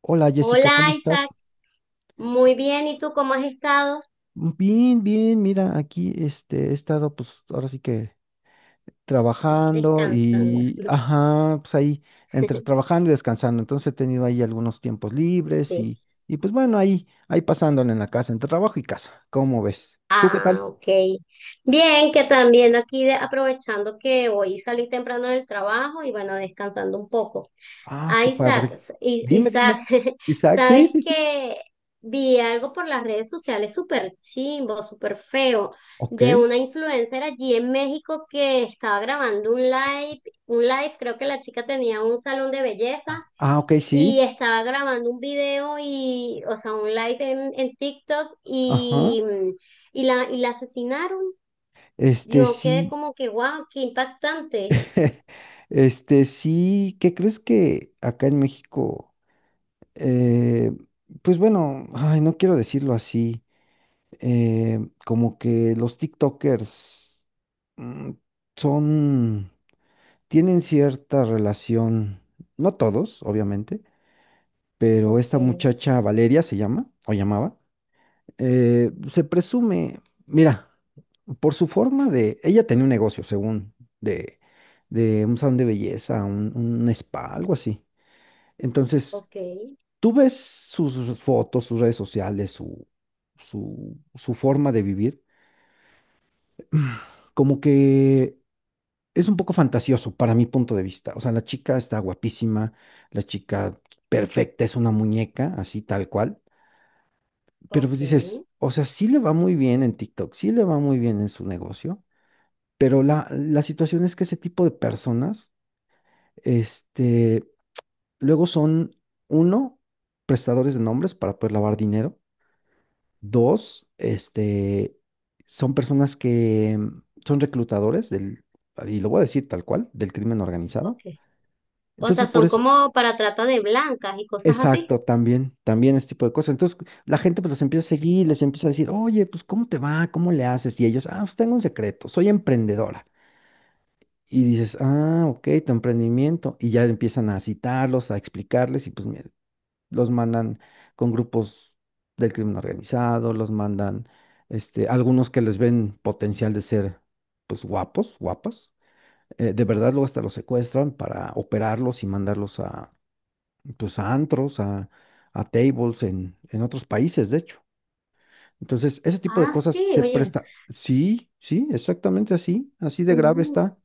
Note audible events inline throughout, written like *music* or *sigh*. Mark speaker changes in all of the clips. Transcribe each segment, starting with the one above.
Speaker 1: Hola Jessica, ¿cómo
Speaker 2: Hola
Speaker 1: estás?
Speaker 2: Isaac, muy bien. ¿Y tú cómo has estado?
Speaker 1: Bien, bien, mira, aquí este, he estado pues ahora sí que trabajando
Speaker 2: Descansando.
Speaker 1: y, ajá, pues ahí entre
Speaker 2: *laughs*
Speaker 1: trabajando y descansando. Entonces he tenido ahí algunos tiempos libres
Speaker 2: Sí.
Speaker 1: y pues bueno, ahí, ahí pasándole en la casa, entre trabajo y casa, ¿cómo ves? ¿Tú qué
Speaker 2: Ah,
Speaker 1: tal?
Speaker 2: ok. Bien, que también aquí aprovechando que hoy salí temprano del trabajo y bueno, descansando un poco.
Speaker 1: Ah,
Speaker 2: Ah,
Speaker 1: qué
Speaker 2: Isaac,
Speaker 1: padre. Dime,
Speaker 2: Isaac,
Speaker 1: dime.
Speaker 2: *laughs*
Speaker 1: Isaac, sí,
Speaker 2: sabes
Speaker 1: sí, sí.
Speaker 2: que vi algo por las redes sociales súper chimbo, súper feo,
Speaker 1: Ok.
Speaker 2: de una influencer allí en México que estaba grabando un live, creo que la chica tenía un salón de belleza
Speaker 1: Ah, ok,
Speaker 2: y
Speaker 1: sí.
Speaker 2: estaba grabando un video y, o sea, un live en TikTok
Speaker 1: Ajá.
Speaker 2: y, y la asesinaron.
Speaker 1: Este
Speaker 2: Yo quedé
Speaker 1: sí.
Speaker 2: como que wow, qué impactante.
Speaker 1: *laughs* Este sí, ¿qué crees que acá en México? eh, pues bueno, ay, no quiero decirlo así, eh, como que los TikTokers mm, son, tienen cierta relación, no todos, obviamente, pero
Speaker 2: Ok,
Speaker 1: esta muchacha Valeria se llama, o llamaba, se presume, mira, por su forma de, ella tenía un negocio, según, de, de un salón de belleza, un spa, algo así. Entonces,
Speaker 2: ok,
Speaker 1: tú ves sus fotos, sus redes sociales, su forma de vivir, como que es un poco fantasioso para mi punto de vista. O sea, la chica está guapísima, la chica perfecta, es una muñeca, así tal cual. Pero
Speaker 2: ok,
Speaker 1: pues dices, o sea, sí le va muy bien en TikTok, sí le va muy bien en su negocio, pero la situación es que ese tipo de personas, este, luego son, uno, prestadores de nombres para poder lavar dinero. Dos, este, son personas que son reclutadores del, y lo voy a decir tal cual, del crimen
Speaker 2: ok.
Speaker 1: organizado.
Speaker 2: O sea,
Speaker 1: Entonces, por
Speaker 2: son
Speaker 1: eso,
Speaker 2: como para trata de blancas y cosas así.
Speaker 1: exacto, también, también este tipo de cosas. Entonces, la gente pues los empieza a seguir, les empieza a decir, oye, pues, ¿cómo te va? ¿Cómo le haces? Y ellos, ah, pues tengo un secreto, soy emprendedora. Y dices, ah, ok, tu emprendimiento. Y ya empiezan a citarlos, a explicarles, y pues, mira, los mandan con grupos del crimen organizado, los mandan, este, algunos que les ven potencial de ser, pues, guapos, guapas. De verdad, luego hasta los secuestran para operarlos y mandarlos a, pues, a antros, a tables en otros países, de hecho. Entonces, ese tipo de
Speaker 2: Ah,
Speaker 1: cosas
Speaker 2: sí,
Speaker 1: se
Speaker 2: oye.
Speaker 1: presta. Sí, sí, exactamente así, así de grave está.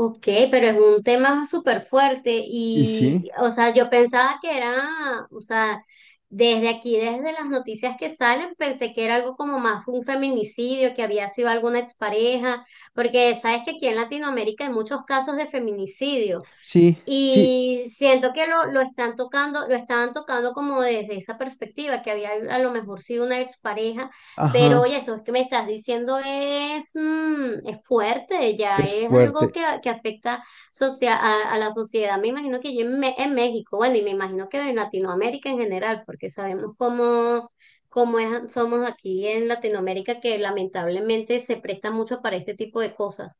Speaker 2: Ok, pero es un tema súper fuerte
Speaker 1: Y
Speaker 2: y,
Speaker 1: sí,
Speaker 2: o sea, desde aquí, desde las noticias que salen, pensé que era algo como más un feminicidio, que había sido alguna expareja, porque sabes que aquí en Latinoamérica hay muchos casos de feminicidio
Speaker 1: sí, sí,
Speaker 2: y siento que lo están tocando, lo estaban tocando como desde esa perspectiva, que había a lo mejor sido una expareja,
Speaker 1: ajá,
Speaker 2: pero oye, eso es que me estás diciendo es, es fuerte, ya
Speaker 1: es
Speaker 2: es algo
Speaker 1: fuerte.
Speaker 2: que afecta a la sociedad, me imagino que ya en, en México, bueno, y me imagino que en Latinoamérica en general, porque sabemos cómo, somos aquí en Latinoamérica, que lamentablemente se presta mucho para este tipo de cosas.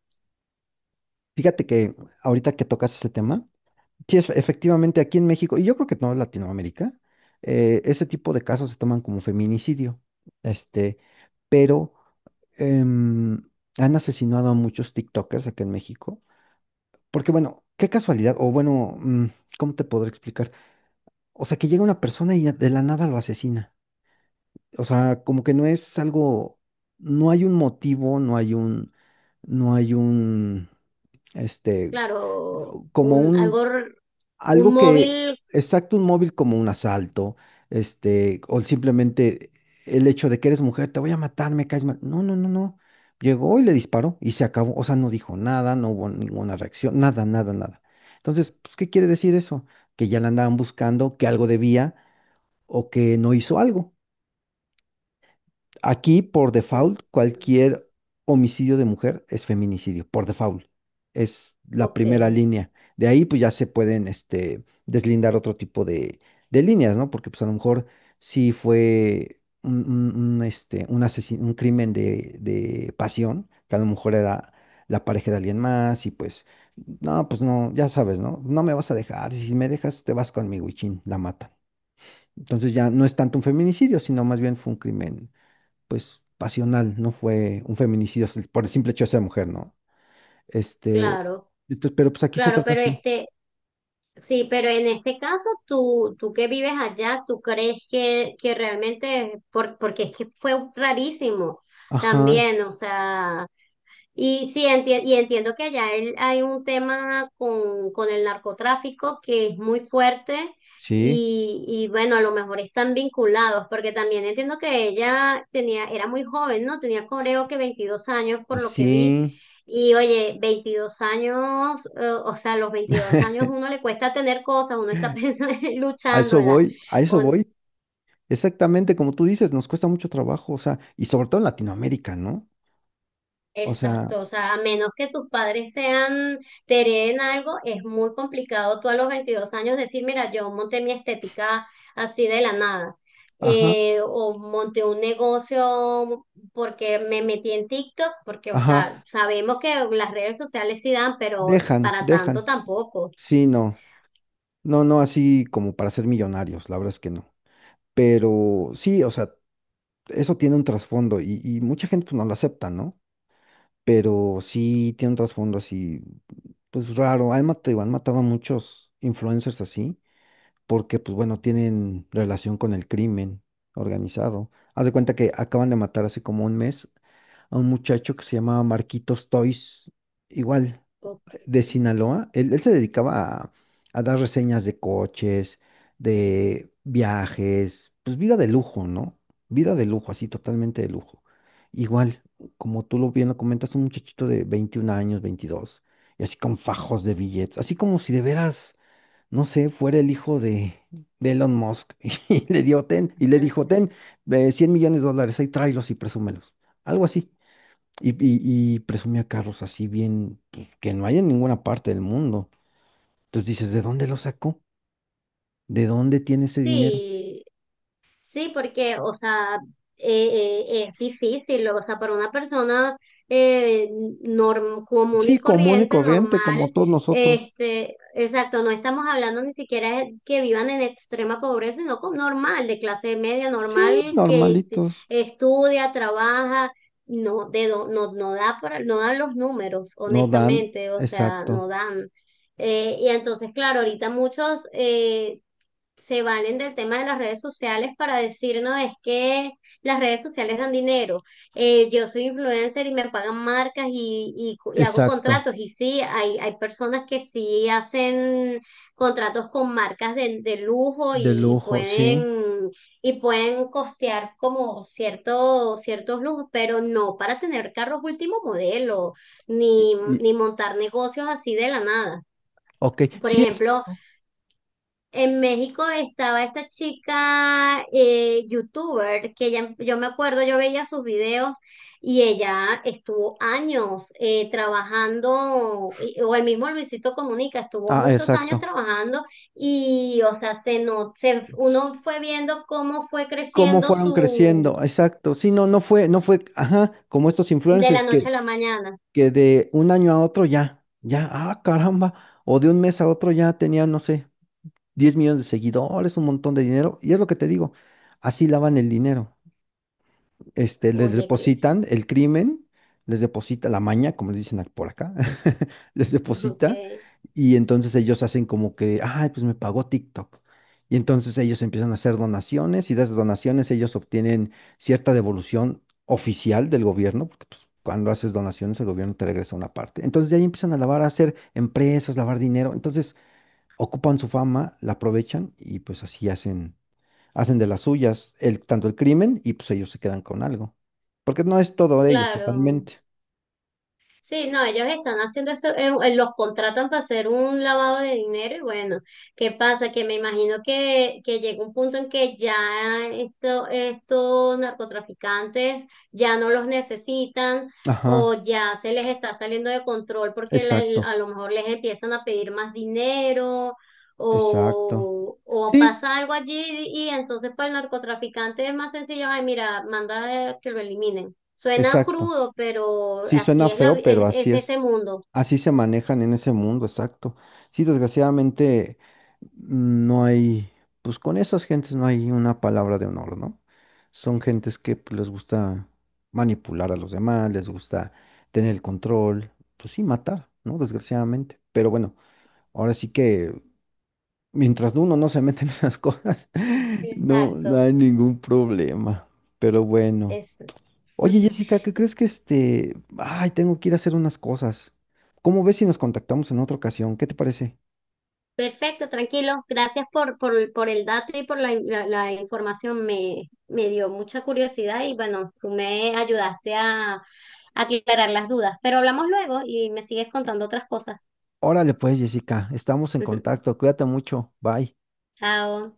Speaker 1: Fíjate que ahorita que tocas ese tema, sí, es- efectivamente, aquí en México, y yo creo que no en Latinoamérica, ese tipo de casos se toman como feminicidio. Este, pero em, han asesinado a muchos TikTokers aquí en México. Porque, bueno, qué casualidad, o bueno, ¿cómo te podré explicar? O sea, que llega una persona y de la nada lo asesina. O sea, como que no es algo, no hay un motivo, no hay un, no hay un, este,
Speaker 2: Claro,
Speaker 1: como
Speaker 2: un, algo
Speaker 1: un
Speaker 2: un
Speaker 1: algo que,
Speaker 2: móvil.
Speaker 1: exacto, un móvil como un asalto, este, o simplemente el hecho de que eres mujer, te voy a matar, me caes mal. No, no, no, no. Llegó y le disparó y se acabó. O sea, no dijo nada, no hubo ninguna reacción, nada, nada, nada. Entonces, pues, ¿qué quiere decir eso? Que ya la andaban buscando, que algo debía o que no hizo algo. Aquí, por
Speaker 2: Pues
Speaker 1: default,
Speaker 2: sí,
Speaker 1: cualquier homicidio de mujer es feminicidio, por default. Es la
Speaker 2: ok,
Speaker 1: primera línea. De ahí, pues ya se pueden, este, deslindar otro tipo de líneas, ¿no? Porque, pues a lo mejor sí fue un, este, un asesin- un crimen de pasión, que a lo mejor era la pareja de alguien más y pues no, ya sabes, ¿no? No me vas a dejar, si me dejas, te vas conmigo y chin, la matan. Entonces ya no es tanto un feminicidio, sino más bien fue un crimen pues, pasional, no fue un feminicidio s- por el simple hecho de ser mujer, ¿no? Este,
Speaker 2: claro,
Speaker 1: entonces, pero pues aquí se
Speaker 2: claro,
Speaker 1: trata
Speaker 2: pero
Speaker 1: así.
Speaker 2: este, sí, pero en este caso, tú que vives allá, ¿tú crees que realmente, por, porque es que fue rarísimo
Speaker 1: Ajá,
Speaker 2: también, o sea, y entiendo que allá hay un tema con el narcotráfico que es muy fuerte
Speaker 1: sí,
Speaker 2: y bueno, a lo mejor están vinculados, porque también entiendo que ella tenía, era muy joven, ¿no? Tenía creo que 22 años por lo que vi.
Speaker 1: sí.
Speaker 2: Y oye, 22 años, o sea, a los 22 años
Speaker 1: *laughs*
Speaker 2: uno le cuesta tener cosas, uno está *laughs* pensando,
Speaker 1: A eso
Speaker 2: luchándola.
Speaker 1: voy, a eso voy. Exactamente como tú dices, nos cuesta mucho trabajo, o sea, y sobre todo en Latinoamérica, ¿no? O sea,
Speaker 2: Exacto, o sea, a menos que tus padres sean, te hereden algo, es muy complicado tú a los 22 años decir, mira, yo monté mi estética así de la nada,
Speaker 1: ajá,
Speaker 2: o monté un negocio porque me metí en TikTok, porque, o
Speaker 1: ajá,
Speaker 2: sea, sabemos que las redes sociales sí dan, pero
Speaker 1: dejan,
Speaker 2: para tanto
Speaker 1: dejan.
Speaker 2: tampoco.
Speaker 1: Sí, no, no, no así como para ser millonarios, la verdad es que no. Pero sí, o sea, eso tiene un trasfondo y mucha gente pues no lo acepta, ¿no? Pero sí tiene un trasfondo así, pues raro. Han matado a muchos influencers así, porque pues bueno, tienen relación con el crimen organizado. Haz de cuenta que acaban de matar hace como un mes a un muchacho que se llamaba Marquitos Toys, igual
Speaker 2: Ok.
Speaker 1: de Sinaloa. Él se dedicaba a dar reseñas de coches, de viajes, pues vida de lujo, ¿no? Vida de lujo, así totalmente de lujo. Igual, como tú lo bien lo comentas, un muchachito de 21 años, 22, y así con fajos de billetes, así como si de veras, no sé, fuera el hijo de Elon Musk. *laughs* Y le dio ten, y le dijo,
Speaker 2: *laughs*
Speaker 1: ten, $100 millones, ahí tráelos y presúmelos. Algo así. Y presumía carros así bien, pues que no hay en ninguna parte del mundo. Entonces dices, ¿de dónde lo sacó? ¿De dónde tiene ese dinero?
Speaker 2: Sí, sí, porque, o sea, es difícil, o sea, para una persona eh, común
Speaker 1: Sí,
Speaker 2: y
Speaker 1: común y
Speaker 2: corriente,
Speaker 1: corriente, como
Speaker 2: normal,
Speaker 1: todos nosotros.
Speaker 2: este, exacto, no estamos hablando ni siquiera que vivan en extrema pobreza, sino con normal, de clase media,
Speaker 1: Sí,
Speaker 2: normal,
Speaker 1: normalitos.
Speaker 2: estudia, trabaja, no, no, no da para, no dan los números,
Speaker 1: No dan,
Speaker 2: honestamente, o sea,
Speaker 1: exacto,
Speaker 2: no dan. Y entonces, claro, ahorita muchos se valen del tema de las redes sociales para decir, no, es que las redes sociales dan dinero. Yo soy influencer y me pagan marcas y hago
Speaker 1: exacto,
Speaker 2: contratos. Y sí, hay personas que sí hacen contratos con marcas de lujo
Speaker 1: de lujo, sí.
Speaker 2: y pueden costear como ciertos lujos, pero no para tener carros último modelo, ni,
Speaker 1: Y-
Speaker 2: ni montar negocios así de la nada.
Speaker 1: ok,
Speaker 2: Por
Speaker 1: sí,
Speaker 2: ejemplo,
Speaker 1: exacto.
Speaker 2: en México estaba esta chica youtuber que ella, yo me acuerdo, yo veía sus videos y ella estuvo años trabajando, o el mismo Luisito Comunica, estuvo
Speaker 1: Ah,
Speaker 2: muchos años
Speaker 1: exacto.
Speaker 2: trabajando y, o sea, se no, se- uno
Speaker 1: Ts-
Speaker 2: fue viendo cómo fue
Speaker 1: ¿Cómo
Speaker 2: creciendo
Speaker 1: fueron
Speaker 2: su,
Speaker 1: creciendo? Exacto. Sí, no, no fue, no fue, ajá, como estos
Speaker 2: de la
Speaker 1: influencers
Speaker 2: noche
Speaker 1: que
Speaker 2: a la mañana.
Speaker 1: de un año a otro ya, ya, ah, caramba, o de un mes a otro ya tenía, no sé, 10 millones de seguidores, un montón de dinero, y es lo que te digo, así lavan el dinero. Este, les
Speaker 2: Oye, que,
Speaker 1: depositan el crimen, les deposita la maña, como les dicen ac- por acá, *laughs* les
Speaker 2: *laughs*
Speaker 1: deposita
Speaker 2: que,
Speaker 1: y entonces ellos hacen como que, ay, pues me pagó TikTok. Y entonces ellos empiezan a hacer donaciones y de esas donaciones ellos obtienen cierta devolución oficial del gobierno, porque pues, cuando haces donaciones el gobierno te regresa una parte. Entonces de ahí empiezan a lavar, a hacer empresas, lavar dinero. Entonces ocupan su fama, la aprovechan y pues así hacen de las suyas el, tanto el crimen y pues ellos se quedan con algo. Porque no es todo de ellos
Speaker 2: claro.
Speaker 1: totalmente.
Speaker 2: Sí, no, ellos están haciendo eso, los contratan para hacer un lavado de dinero y bueno, ¿qué pasa? Que me imagino que llega un punto en que ya esto, estos narcotraficantes ya no los necesitan o
Speaker 1: Ajá,
Speaker 2: ya se les está saliendo de control porque
Speaker 1: exacto,
Speaker 2: a lo mejor les empiezan a pedir más dinero
Speaker 1: exacto.
Speaker 2: o
Speaker 1: Sí,
Speaker 2: pasa algo allí y entonces para el narcotraficante es más sencillo, ay, mira, manda que lo eliminen. Suena
Speaker 1: exacto.
Speaker 2: crudo, pero
Speaker 1: Sí,
Speaker 2: así
Speaker 1: suena
Speaker 2: es la,
Speaker 1: feo, pero así
Speaker 2: es ese
Speaker 1: es.
Speaker 2: mundo.
Speaker 1: Así se manejan en ese mundo, exacto. Sí, desgraciadamente no hay, pues con esas gentes no hay una palabra de honor, ¿no? Son gentes que pues, les gusta manipular a los demás, les gusta tener el control, pues sí, matar, ¿no? Desgraciadamente. Pero bueno. Ahora sí que mientras uno no se mete en esas cosas, *laughs* no, no
Speaker 2: Exacto.
Speaker 1: hay ningún problema. Pero bueno.
Speaker 2: Es.
Speaker 1: Oye, Jessica, ¿qué
Speaker 2: *laughs*
Speaker 1: crees que este... Ay, tengo que ir a hacer unas cosas. ¿Cómo ves si nos contactamos en otra ocasión? ¿Qué te parece?
Speaker 2: Perfecto, tranquilo. Gracias por el dato y por la información. Me dio mucha curiosidad y bueno, tú me ayudaste a aclarar las dudas. Pero hablamos luego y me sigues contando otras cosas.
Speaker 1: Órale pues, Jessica, estamos en
Speaker 2: *laughs*
Speaker 1: contacto. Cuídate mucho. Bye.
Speaker 2: Chao.